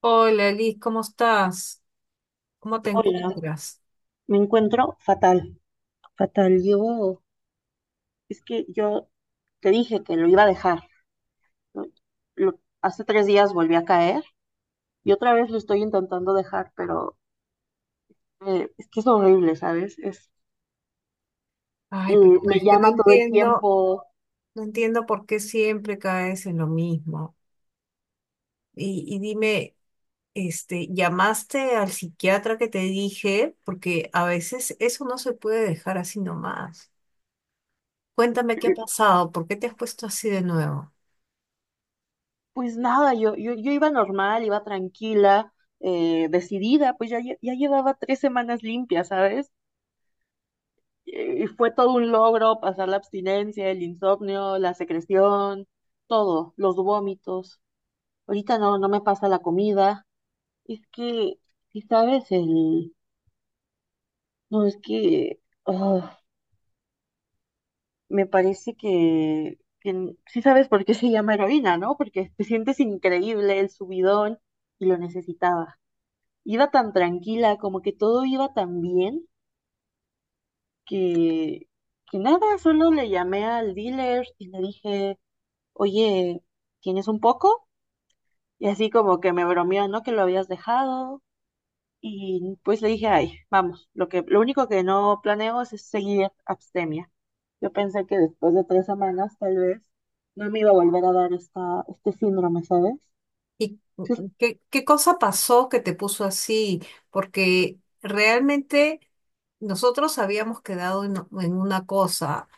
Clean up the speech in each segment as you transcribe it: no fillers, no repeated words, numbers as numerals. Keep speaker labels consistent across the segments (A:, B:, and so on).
A: Hola, Liz, ¿cómo estás? ¿Cómo te
B: Hola,
A: encuentras?
B: me encuentro fatal, fatal. Yo, es que yo te dije que lo iba a dejar, ¿no? Lo- hace 3 días volví a caer y otra vez lo estoy intentando dejar, pero es que es horrible, ¿sabes?
A: Ay,
B: Eh,
A: pero
B: me
A: es que no
B: llama todo el
A: entiendo,
B: tiempo.
A: no entiendo por qué siempre caes en lo mismo. Y dime, este, ¿llamaste al psiquiatra que te dije? Porque a veces eso no se puede dejar así nomás. Cuéntame qué ha pasado, por qué te has puesto así de nuevo.
B: Pues nada, yo iba normal, iba tranquila, decidida, pues ya, ya llevaba 3 semanas limpias, ¿sabes? Y fue todo un logro pasar la abstinencia, el insomnio, la secreción, todo, los vómitos. Ahorita no me pasa la comida. Es que, si sabes, el... No, es que... ah, me parece que... Sí sabes por qué se llama heroína, ¿no? Porque te sientes increíble, el subidón, y lo necesitaba. Iba tan tranquila, como que todo iba tan bien, que... Que nada, solo le llamé al dealer y le dije... oye, ¿tienes un poco? Y así como que me bromeó, ¿no? Que lo habías dejado. Y pues le dije, ay, vamos, lo único que no planeo es seguir abstemia. Yo pensé que después de 3 semanas, tal vez, no me iba a volver a dar esta, este síndrome, ¿sabes?
A: ¿Y
B: Sí,
A: qué, qué cosa pasó que te puso así? Porque realmente nosotros habíamos quedado en una cosa.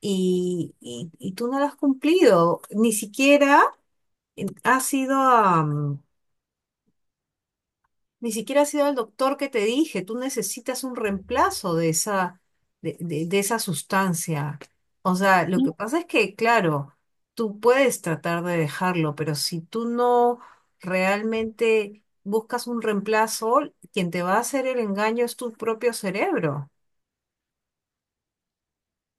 A: Y tú no lo has cumplido. Ni siquiera has sido a, ni siquiera has sido al doctor que te dije. Tú necesitas un reemplazo de esa, de esa sustancia. O sea, lo
B: sí.
A: que pasa es que, claro, tú puedes tratar de dejarlo, pero si tú no realmente buscas un reemplazo, quien te va a hacer el engaño es tu propio cerebro.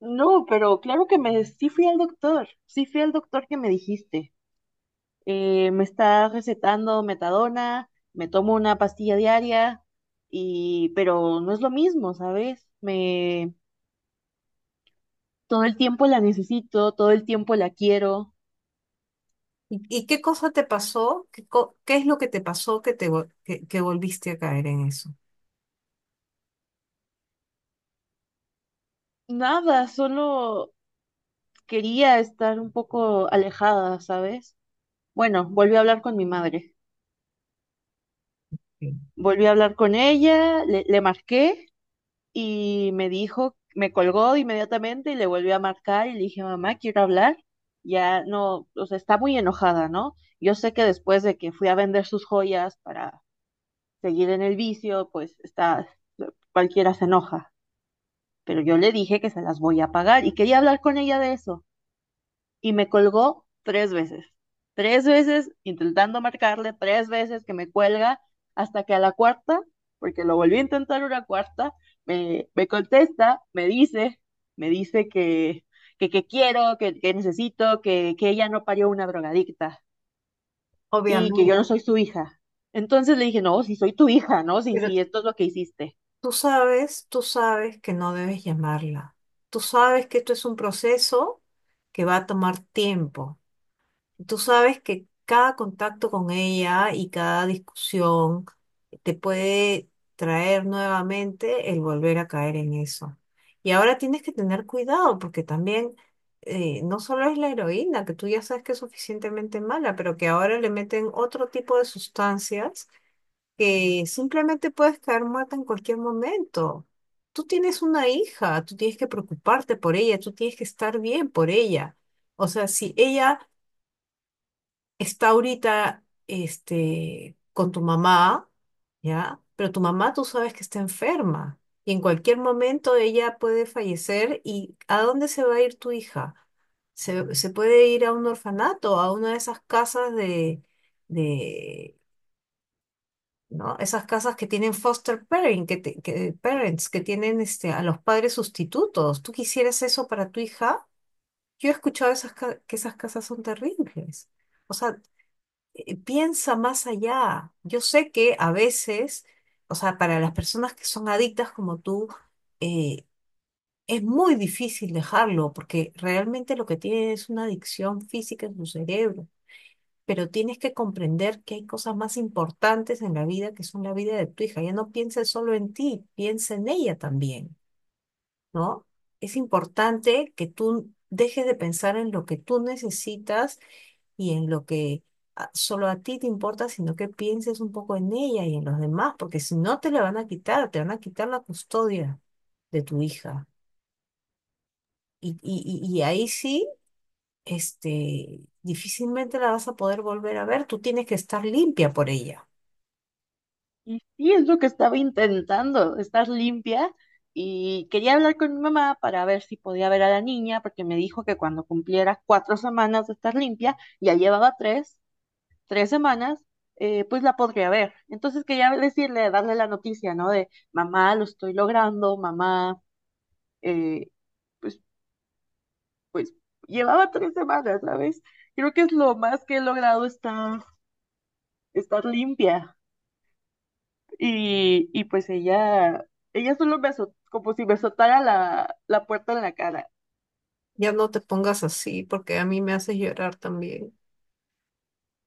B: No, pero claro que me, sí fui al doctor, sí fui al doctor que me dijiste. Me está recetando metadona, me tomo una pastilla diaria, y, pero no es lo mismo, ¿sabes? Me, todo el tiempo la necesito, todo el tiempo la quiero.
A: Y qué cosa te pasó? ¿Qué, co- qué es lo que te pasó que te vol- que volviste a caer en eso?
B: Nada, solo quería estar un poco alejada, ¿sabes? Bueno, volví a hablar con mi madre.
A: Sí.
B: Volví a hablar con ella, le marqué y me dijo, me colgó inmediatamente y le volvió a marcar y le dije, mamá, quiero hablar. Ya no, o sea, está muy enojada, ¿no? Yo sé que después de que fui a vender sus joyas para seguir en el vicio, pues está, cualquiera se enoja, pero yo le dije que se las voy a pagar y quería hablar con ella de eso y me colgó 3 veces. Tres veces intentando marcarle, 3 veces que me cuelga, hasta que a la cuarta, porque lo volví a intentar una cuarta, me contesta, me dice que quiero, que necesito, que ella no parió una drogadicta y que yo
A: Obviamente,
B: no soy su hija. Entonces le dije, no, si soy tu hija, ¿no?
A: pero
B: Si esto es lo que hiciste.
A: tú sabes que no debes llamarla. Tú sabes que esto es un proceso que va a tomar tiempo. Tú sabes que cada contacto con ella y cada discusión te puede traer nuevamente el volver a caer en eso. Y ahora tienes que tener cuidado porque también no solo es la heroína, que tú ya sabes que es suficientemente mala, pero que ahora le meten otro tipo de sustancias que simplemente puedes caer muerta en cualquier momento. Tú tienes una hija, tú tienes que preocuparte por ella, tú tienes que estar bien por ella. O sea, si ella está ahorita este, con tu mamá, ¿ya? Pero tu mamá tú sabes que está enferma y en cualquier momento ella puede fallecer y ¿a dónde se va a ir tu hija? Se puede ir a un orfanato, a una de esas casas de, ¿no? Esas casas que tienen foster parent, que te- que- parents, que tienen este, a los padres sustitutos. ¿Tú quisieras eso para tu hija? Yo he escuchado esas, ca- que esas casas son terribles. O sea, piensa más allá. Yo sé que a veces, o sea, para las personas que son adictas como tú, eh, es muy difícil dejarlo, porque realmente lo que tiene es una adicción física en tu cerebro. Pero tienes que comprender que hay cosas más importantes en la vida que son la vida de tu hija. Ya no pienses solo en ti, piensa en ella también, ¿no? Es importante que tú dejes de pensar en lo que tú necesitas y en lo que a- solo a ti te importa, sino que pienses un poco en ella y en los demás, porque si no te la van a quitar, te van a quitar la custodia de tu hija. Y, y, y ahí sí, este, difícilmente la vas a poder volver a ver, tú tienes que estar limpia por ella.
B: Y sí, es lo que estaba intentando, estar limpia. Y quería hablar con mi mamá para ver si podía ver a la niña, porque me dijo que cuando cumpliera 4 semanas de estar limpia, ya llevaba tres semanas, pues la podría ver. Entonces quería decirle, darle la noticia, ¿no? De mamá, lo estoy logrando, mamá, eh, pues, pues llevaba 3 semanas, ¿sabes? Creo que es lo más que he logrado estar limpia. Y pues ella solo me azotó, como si me azotara la puerta en la cara.
A: Ya no te pongas así, porque a mí me haces llorar también.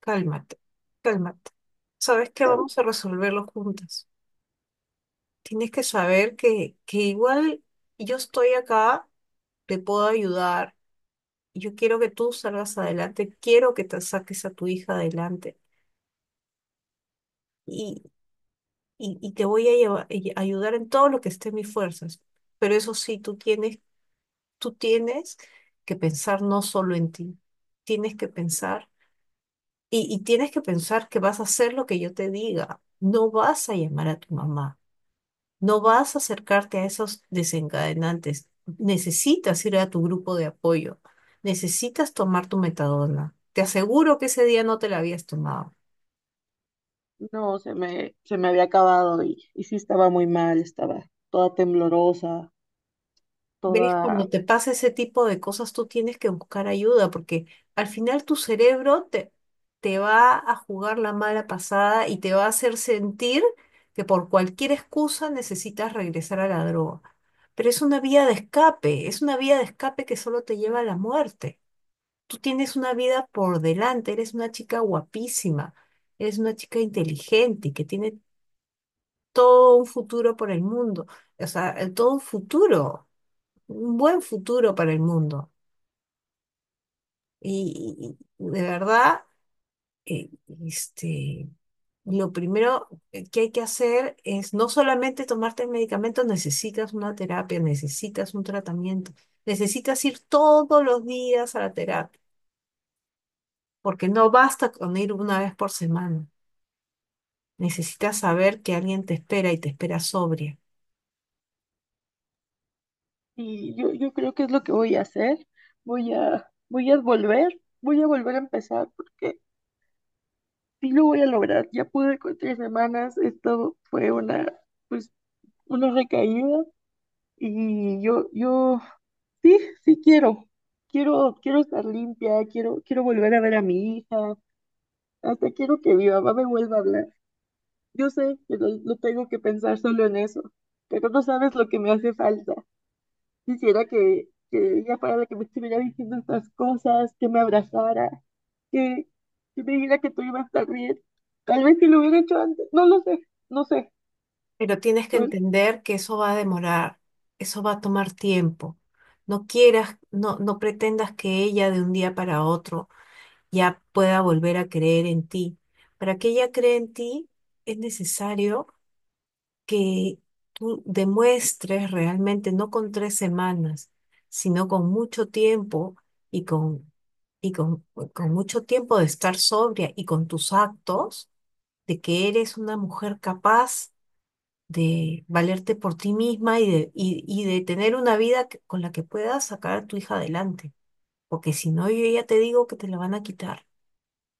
A: Cálmate, cálmate. ¿Sabes qué? Vamos a resolverlo juntas. Tienes que saber que igual yo estoy acá, te puedo ayudar yo quiero que tú salgas adelante, quiero que te saques a tu hija adelante y, y te voy a lleva- y- ayudar en todo lo que esté en mis fuerzas. Pero eso sí, tú tienes que pensar no solo en ti, tienes que pensar y tienes que pensar que vas a hacer lo que yo te diga. No vas a llamar a tu mamá, no vas a acercarte a esos desencadenantes. Necesitas ir a tu grupo de apoyo, necesitas tomar tu metadona. Te aseguro que ese día no te la habías tomado.
B: No, se me había acabado y sí estaba muy mal, estaba toda temblorosa,
A: ¿Ves? Cuando
B: toda...
A: te pasa ese tipo de cosas, tú tienes que buscar ayuda porque al final tu cerebro te va a jugar la mala pasada y te va a hacer sentir que por cualquier excusa necesitas regresar a la droga. Pero es una vía de escape, es una vía de escape que solo te lleva a la muerte. Tú tienes una vida por delante, eres una chica guapísima, eres una chica inteligente y que tiene todo un futuro por el mundo, o sea, todo un futuro un buen futuro para el mundo. Y de verdad, eh, este, lo primero que hay que hacer es no solamente tomarte el medicamento, necesitas una terapia, necesitas un tratamiento, necesitas ir todos los días a la terapia, porque no basta con ir una vez por semana. Necesitas saber que alguien te espera y te espera sobria.
B: Y yo creo que es lo que voy a hacer. Voy a volver a empezar porque sí lo voy a lograr. Ya pude con 3 semanas, esto fue pues, una recaída y yo sí, sí quiero. Quiero estar limpia, quiero volver a ver a mi hija, hasta quiero que mi mamá me vuelva a hablar. Yo sé que lo tengo que pensar solo en eso, pero no sabes lo que me hace falta. Quisiera que ella fuera la que me estuviera diciendo estas cosas, que me abrazara, que, que me dijera que tú ibas a estar bien. Tal vez si lo hubiera hecho antes, no lo sé, no sé.
A: Pero tienes que entender que eso va a demorar, eso va a tomar tiempo. No quieras, no, no pretendas que ella de un día para otro ya pueda volver a creer en ti. Para que ella cree en ti, es necesario que tú demuestres realmente, no con tres semanas, sino con mucho tiempo y con, y con, con mucho tiempo de estar sobria y con tus actos, de que eres una mujer capaz de valerte por ti misma y de tener una vida que- con la que puedas sacar a tu hija adelante. Porque si no, yo ya te digo que te la van a quitar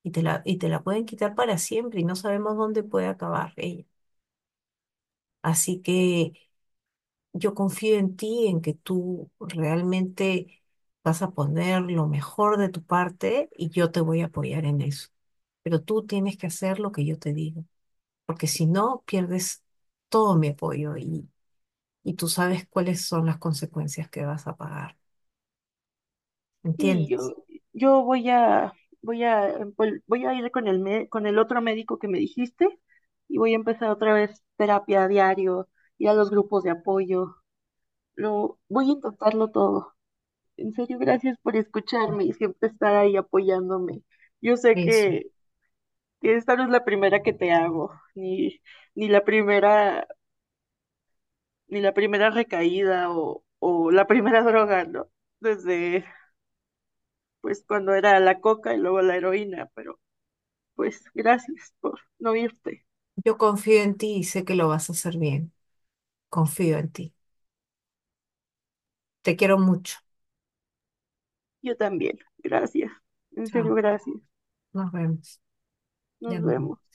A: y te la pueden quitar para siempre y no sabemos dónde puede acabar ella. Así que yo confío en ti, en que tú realmente vas a poner lo mejor de tu parte y yo te voy a apoyar en eso. Pero tú tienes que hacer lo que yo te digo, porque si no, pierdes todo mi apoyo y tú sabes cuáles son las consecuencias que vas a pagar.
B: Sí,
A: ¿Entiendes?
B: yo voy a ir con con el otro médico que me dijiste y voy a empezar otra vez terapia a diario, ir a los grupos de apoyo. Voy a intentarlo todo. En serio, gracias por escucharme y siempre estar ahí apoyándome. Yo sé
A: Eso.
B: que esta no es la primera que te hago, ni la primera, ni la primera recaída o la primera droga, ¿no? Desde, pues, cuando era la coca y luego la heroína, pero pues gracias por no irte.
A: Yo confío en ti y sé que lo vas a hacer bien. Confío en ti. Te quiero mucho.
B: Yo también. Gracias. En serio,
A: Chao.
B: gracias.
A: Nos vemos. Ya
B: Nos
A: nos
B: vemos.
A: vemos.